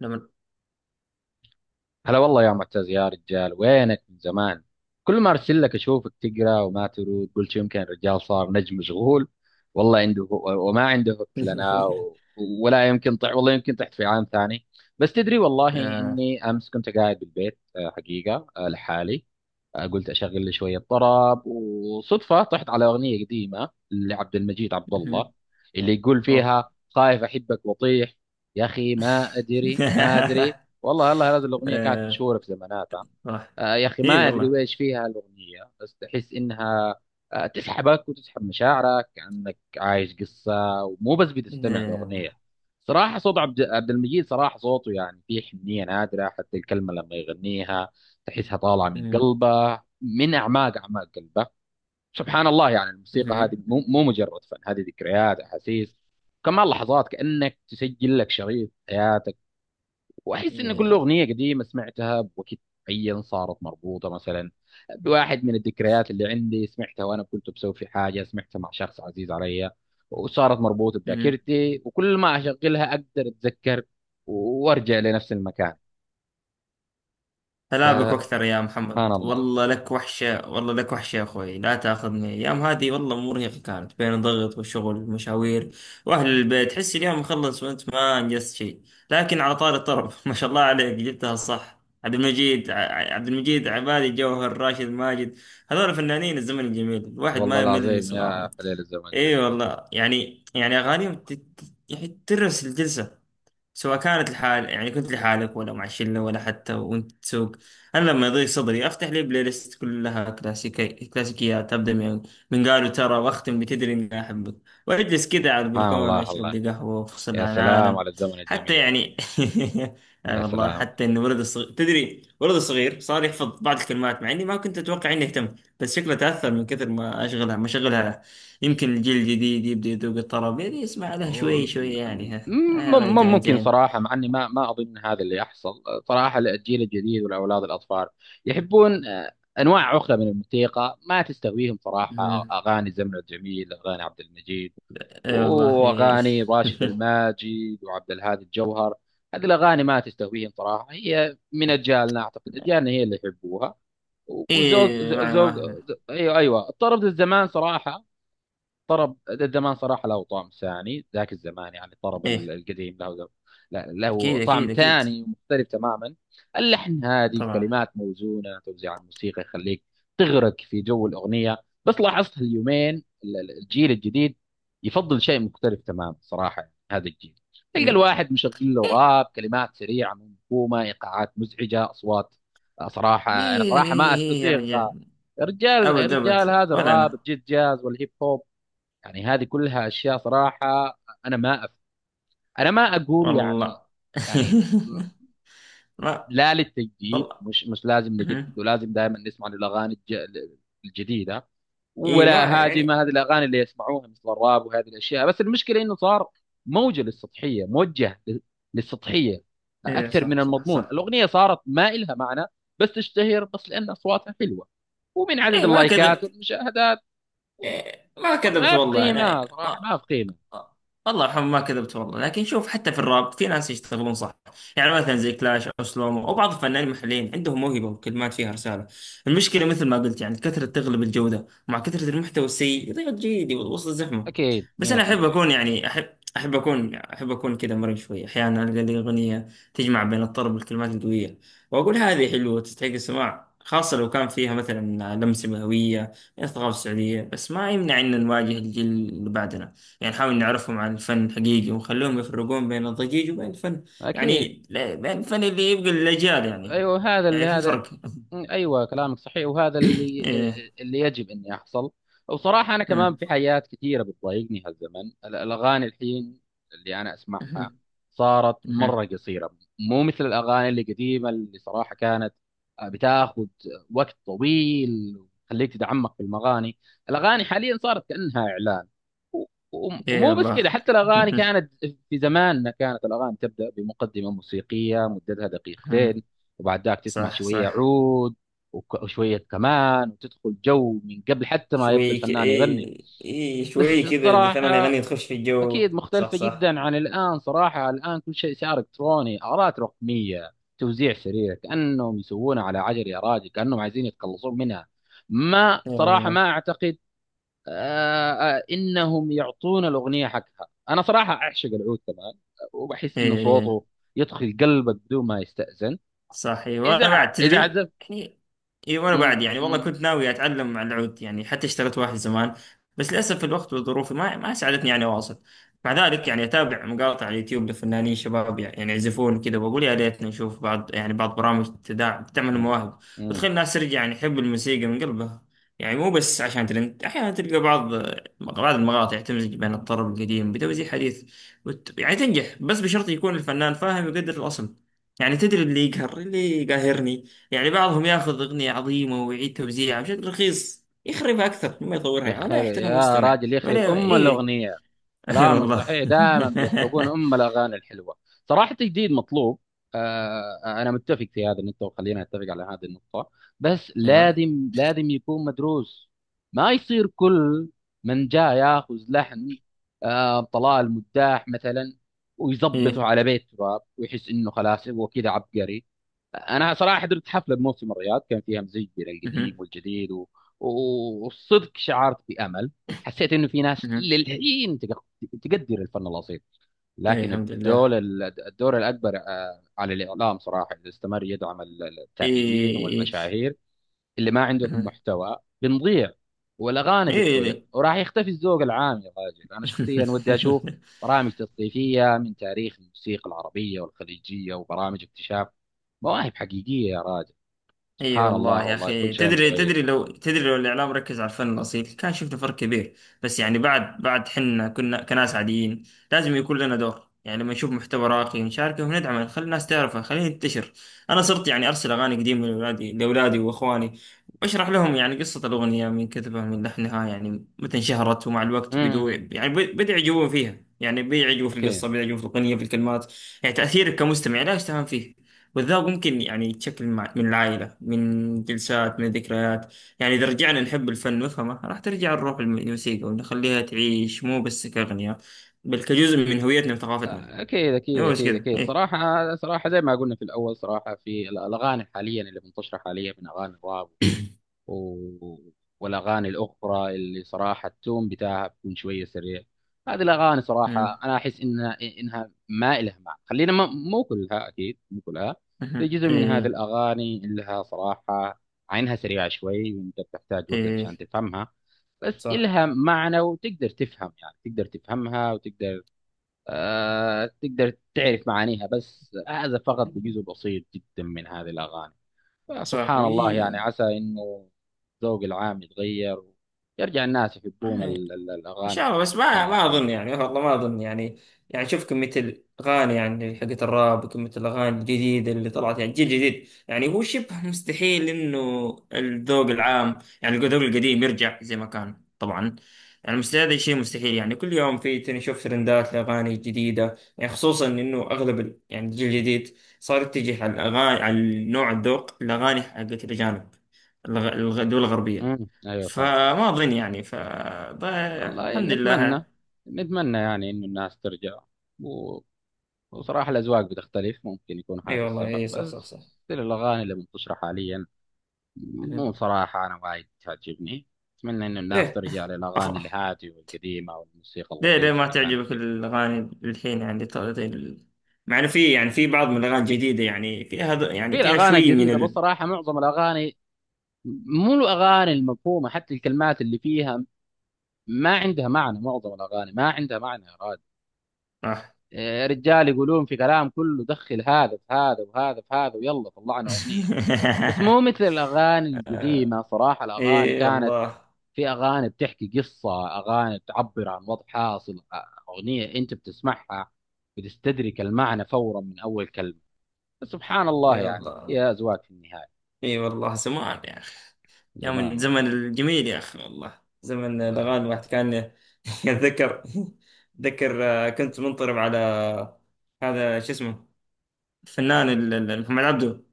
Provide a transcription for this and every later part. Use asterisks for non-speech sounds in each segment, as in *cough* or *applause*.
لما. هلا والله يا معتز يا رجال، وينك من زمان؟ كل ما ارسل لك اشوفك تقرا وما ترد، قلت يمكن الرجال صار نجم مشغول، والله عنده وما عنده وقت لنا، *laughs* ولا يمكن والله يمكن طحت في عام ثاني. بس تدري والله آه. اني امس كنت قاعد بالبيت، حقيقه، لحالي. قلت اشغل لي شويه طرب، وصدفه طحت على اغنيه قديمه لعبد المجيد عبد الله، مهم. اللي يقول أوه. فيها خايف احبك واطيح. يا اخي ما ادري ما *laughs* ادري والله هذه الاغنيه كانت آه. مشهوره في زماناتها. أوه. يا أخي إيه ما أدري والله. ويش فيها الأغنية، بس تحس إنها، تسحبك وتسحب مشاعرك كأنك عايش قصة، ومو بس بتستمع يلا. لأغنية. صراحة صوت عبد المجيد، صراحة صوته يعني فيه حنية نادرة، حتى الكلمة لما يغنيها تحسها طالعة من مهم. قلبه، من أعماق أعماق قلبه. سبحان الله، يعني الموسيقى هذه مهم. مو مجرد فن، هذه ذكريات، أحاسيس كمان، لحظات، كأنك تسجل لك شريط حياتك. واحس ان كل اغنيه قديمه سمعتها بوقت معين صارت مربوطه، مثلا بواحد من الذكريات اللي عندي، سمعتها وانا كنت بسوي في حاجه، سمعتها مع شخص عزيز علي، وصارت مربوطه مهم. بذاكرتي، وكل ما اشغلها اقدر اتذكر وارجع لنفس المكان. هلابك واكثر فسبحان يا محمد، الله. والله لك وحشة، والله لك وحشة يا اخوي. لا تاخذني، ايام هذه والله مرهقة، كانت بين الضغط والشغل والمشاوير واهل البيت. حس اليوم مخلص وانت ما انجزت شيء. لكن على طار الطرب *laughs* ما شاء الله عليك، جبتها صح. عبد المجيد، عبد المجيد، عبادي، جوهر، راشد، ماجد. هذول فنانين الزمن الجميل، الواحد والله ما يمل من العظيم يا سماعهم. خليل، الزمن اي الجميل. والله، يعني اغانيهم يعني ترس الجلسة. سواء كانت لحال، يعني كنت لحالك، ولا مع شلة، ولا حتى وانت تسوق. انا لما يضيق صدري افتح لي بلاي ليست كلها كلاسيكيات، ابدا من قالوا ترى، واختم بتدري اني احبك، واجلس كذا على سبحان البلكونه، الله. اشرب الله لي قهوه وافصل يا عن سلام العالم. على الزمن حتى الجميل. يعني *laughs* يعني يا والله، سلام. حتى انه ولد الصغير، تدري، ولد الصغير صار يحفظ بعض الكلمات، مع اني ما كنت اتوقع اني اهتم، بس شكله تاثر من كثر ما شغلها. يمكن الجيل الجديد يبدا يذوق الطرب، يعني يسمع لها و- شوي شوي، م- يعني. آه أغاني ممكن تمانجين. صراحة، مع أني ما أظن هذا اللي يحصل. صراحة الجيل الجديد والأولاد الأطفال يحبون أنواع أخرى من الموسيقى، ما تستهويهم صراحة مم. أغاني زمن الجميل، أغاني عبد المجيد إيه والله، إيه. وأغاني راشد *laughs* الماجد وعبد الهادي الجوهر. هذه الأغاني ما تستهويهم صراحة، هي من أجيالنا، أعتقد أجيالنا هي اللي يحبوها. وذوق إيه ذوق مع ذوق- ما. أيوه أيوه، الطرب ذا الزمان صراحة، طرب زمان صراحة له طعم ثاني، ذاك الزمان يعني الطرب إيه القديم له، أكيد له طعم أكيد أكيد. ثاني ومختلف تماما. اللحن هادي، طبعا. الكلمات موزونة، توزيع الموسيقى يخليك تغرق في جو الأغنية. بس لاحظت اليومين الجيل الجديد يفضل شيء مختلف تماما صراحة. يعني هذا الجيل تلقى إيه الواحد مشغل له إيه راب، كلمات سريعة منكومة، إيقاعات مزعجة، أصوات. صراحة أنا إيه صراحة إيه، ما إيه يا أستسيغ. رجال. يا رجال يا أبد رجال، أبد، هذا ولا الراب أنا. الجيت جاز والهيب هوب، يعني هذه كلها اشياء صراحه، انا ما أف... انا ما اقول يعني، والله. يعني *laughs* ما. لا للتجديد، والله. مش لازم نجدد مم. ولازم دائما نسمع الجديده. إيه ولا ما هاجم يعني. هذه الاغاني اللي يسمعوها مثل الراب وهذه الاشياء، بس المشكله انه صار موجه للسطحيه، موجه للسطحيه إيه اكثر من صح صح المضمون. صح. الاغنيه صارت ما إلها معنى، بس تشتهر بس لان اصواتها حلوه، ومن عدد إيه ما اللايكات كذبت. والمشاهدات. إيه ما كذبت ما في والله أنا. قيمه صراحه، ما في قيمه. الله يرحمه، ما كذبت والله. لكن شوف، حتى في الراب في ناس يشتغلون صح. يعني مثلا زي كلاش او سلومو، او بعض الفنانين المحليين عندهم موهبه وكلمات فيها رساله. المشكله، مثل ما قلت، يعني الكثره تغلب الجوده، ومع كثره المحتوى السيء يضيع جيدي وسط الزحمه. اكيد. بس انا احب 100%. اكون، يعني احب اكون كذا، مرن شوي، احيانا القى لي اغنيه تجمع بين الطرب والكلمات القويه، واقول هذه حلوه تستحق السماع، خاصة لو كان فيها مثلا لمسة هوية من الثقافة السعودية. بس ما يمنع أن نواجه الجيل اللي بعدنا، يعني نحاول نعرفهم عن الفن حقيقي، ونخليهم يفرقون بين الضجيج وبين الفن، أكيد. يعني بين الفن اللي يبقى للأجيال، يعني أيوه هذا اللي يعني في هذا. فرق. *laughs* أيوه كلامك صحيح، وهذا اللي، إيه. اللي يجب أن يحصل. وبصراحة أنا كمان أمم. في حاجات كثيرة بتضايقني هالزمن، الأغاني الحين اللي أنا أسمعها أمم. صارت أمم. مرة قصيرة، مو مثل الأغاني اللي قديمة، اللي صراحة كانت بتاخذ وقت طويل وتخليك تتعمق في المغاني. الأغاني حاليا صارت كأنها إعلان. و- و- إيه ومو بس كذا، الله. حتى الاغاني *laughs* كانت في زماننا كانت الاغاني تبدا بمقدمه موسيقيه مدتها أمم. دقيقتين، وبعد ذاك تسمع صح شويه صح. عود، وشويه كمان، وتدخل جو من قبل حتى ما يبدا شوي الفنان يغني. إيه إيه شوي بس كذا، الفنان الصراحه يغني تخش في اكيد الجو. صح مختلفه صح. جدا عن الان. صراحه الان كل شيء صار الكتروني، ارات رقميه، توزيع سريع، كانهم يسوونها على عجل، يا راجل كانهم عايزين يتخلصون منها. ما إيه صراحه والله ما اعتقد آه، انهم يعطونا الاغنيه حقها. انا صراحه اعشق العود كمان، وبحس انه إيه. إيه. صوته يدخل قلبك بدون ما يستأذن صحيح، وانا بعد اذا تدري عزف. يعني. اي وانا بعد مم، يعني، والله مم، كنت ناوي اتعلم على العود، يعني حتى اشتغلت واحد زمان. بس للاسف الوقت والظروف ما ساعدتني يعني اواصل. مع ذلك، يعني اتابع مقاطع على اليوتيوب لفنانين شباب، يعني يعزفون كذا، واقول يا ريتنا نشوف بعض، يعني بعض برامج تعمل مم، المواهب، مم. وتخلي الناس ترجع يعني يحب الموسيقى من قلبها، يعني مو بس عشان ترند. احيانا تلقى بعض المقاطع تمزج بين الطرب القديم بتوزيع حديث، يعني تنجح، بس بشرط يكون الفنان فاهم ويقدر الاصل. يعني تدري، اللي يقاهرني، يعني بعضهم ياخذ أغنية عظيمة ويعيد توزيعها بشكل رخيص، يخربها أكثر مما يطورها، ولا يخرب يحترم يا المستمع راجل، يخرب ولا ام إيه. الاغنيه، *laughs* إيه كلامك والله. صحيح، دائما بيخربون ام الاغاني الحلوه. صراحه تجديد مطلوب، انا متفق في هذا النقطه، وخلينا نتفق على هذه النقطه، بس *laughs* أيوه. لازم يكون مدروس، ما يصير كل من جاء ياخذ لحن، طلال مداح مثلا، ويظبطه إيه. على بيت تراب ويحس انه خلاص هو كذا عبقري. انا صراحه حضرت حفله بموسم الرياض، كان فيها مزيج بين القديم مهم. والجديد، والصدق شعرت بامل، حسيت انه في ناس مهم. للحين تقدر الفن الاصيل، إيه لكن الحمد الدور لله. الدور الاكبر، على الاعلام صراحه، اذا استمر يدعم إيه التافهين إيه إيه. والمشاهير اللي ما عندهم مهم. محتوى، بنضيع، والاغاني إيه بتضيع، ليه؟ وراح يختفي الذوق العام يا راجل. انا شخصيا ودي اشوف *laughs* برامج تثقيفيه من تاريخ الموسيقى العربيه والخليجيه، وبرامج اكتشاف مواهب حقيقيه يا راجل. اي سبحان والله الله يا والله، كل اخي، شيء تدري متغير. تدري لو تدري لو الاعلام ركز على الفن الاصيل كان شفنا فرق كبير. بس يعني، بعد حنا كنا كناس عاديين، لازم يكون لنا دور، يعني لما نشوف محتوى راقي نشاركه وندعمه، نخلي الناس تعرفه، خليه ينتشر. انا صرت يعني ارسل اغاني قديمه لاولادي واخواني، واشرح لهم يعني قصه الاغنيه، من كتبها، من لحنها، يعني متى انشهرت. ومع الوقت بدو امم، يعني بدأوا يعجبون فيها، يعني بيعجبوا في اكيد القصه، بيعجبوا في الاغنيه، في الكلمات. يعني تاثيرك كمستمع لا يستهان فيه، والذوق ممكن يعني يتشكل من العائلة، من جلسات، من ذكريات. يعني إذا رجعنا نحب الفن وفهمه، راح ترجع الروح الموسيقى ونخليها تعيش، مو بس كأغنية بل كجزء من هويتنا وثقافتنا. اكيد إيه، اكيد مو بس اكيد كذا، اكيد. إيه. صراحه صراحه زي ما قلنا في الاول، صراحه في الاغاني حاليا اللي منتشره حاليا من اغاني الراب، و... والاغاني الاخرى اللي صراحه التون بتاعها بيكون شويه سريع، هذه الاغاني مم. صراحه انا احس انها ما لها معنى. خلينا ما... مو كلها، اكيد مو كلها، في مهم. جزء من هذه إيه الاغاني لها صراحه، عينها سريعه شوي وانت بتحتاج وقت عشان إيه. تفهمها، بس صح إلها معنى وتقدر تفهم، يعني تقدر تفهمها وتقدر، تقدر تعرف معانيها، بس هذا فقط بجزء بسيط جدا من هذه الأغاني. صح. فسبحان الله، يعني وي. عسى إنه الذوق العام يتغير، ويرجع الناس يحبون ال- ال- ان شاء الأغاني الله، بس ما الأغاني ما اظن الجميلة. يعني، والله ما اظن يعني. يعني شوف كميه الاغاني، يعني حقت الراب، وكميه الاغاني الجديده اللي طلعت، يعني جيل جديد، يعني هو شبه *laughs* مستحيل انه الذوق العام، يعني الذوق القديم يرجع زي ما كان، طبعا. يعني مستحيل، هذا شيء مستحيل. يعني كل يوم في نشوف ترندات لاغاني جديده، يعني خصوصا انه اغلب يعني الجيل الجديد صار يتجه على الاغاني، على نوع الذوق، الاغاني حقت الاجانب، الدول الغربيه. امم، أيوة فاهم. فما أظن يعني. والله الحمد نتمنى، لله. نتمنى يعني إنه الناس ترجع، و- وصراحة الأذواق بتختلف، ممكن يكون أي هذا والله، السبب، أي. صح صح بس صح. still الأغاني اللي منتشرة حاليا مو مم. صراحة أنا وايد تعجبني. أتمنى إن الناس ليه ترجع للأغاني أف... الهادية والقديمة والموسيقى ليه ليه اللطيفة ما اللي كانت تعجبك فيه. الأغاني الحين، يعني طلعت مع إنه في بعض من الأغاني الجديدة، يعني فيها هذا، يعني في فيها الأغاني شوي من الجديدة ال بصراحة معظم الأغاني، مو الأغاني المفهومة، حتى الكلمات اللي فيها ما عندها معنى، معظم الأغاني ما عندها معنى يا راد. آه. إيه، رجال يقولون في كلام كله، دخل هذا في هذا وهذا في هذا، ويلا طلعنا أغنية. بس مو مثل الأغاني *laughs* آه، القديمة. صراحة الأغاني إي كانت، والله، في اغاني بتحكي قصه، اغاني تعبر عن وضع حاصل، اغنيه انت بتسمعها بتستدرك المعنى فورا من اول كلمه. سبحان الله، إي يعني والله، يا ازواج في النهايه، اي والله زمان يا اخي. يا زمان من زمن والله. الجميل يا اخي، والله زمن الاغاني الواحد كان *laughs* يتذكر. ذكر كنت منطرب على هذا، شو اسمه، الفنان محمد عبده،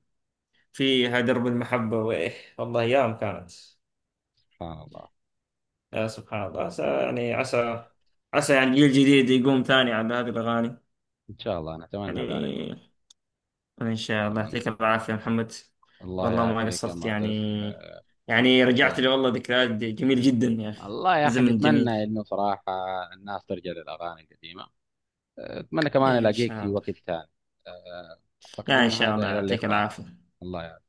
فيها درب المحبة. وايه والله، ايام كانت. سبحان الله. يا سبحان الله، عسى يعني الجيل الجديد يقوم ثاني على هذه الاغاني، ان شاء الله نتمنى ذلك والله، يعني. إن شاء الله نتمنى. يعطيك العافية يا محمد، الله والله ما يعافيك يا قصرت، يعني معتز. يعني رجعت أه، لي والله ذكريات جميلة جدا يا أخي. الله يا اخي، زمن جميل. نتمنى انه صراحه الناس ترجع للاغاني القديمه. اتمنى كمان إيه إن الاقيك شاء في الله. وقت ثاني. أه، اعتقد لا، إن انه شاء هذا الله الى يعطيك اللقاء. العافية. الله.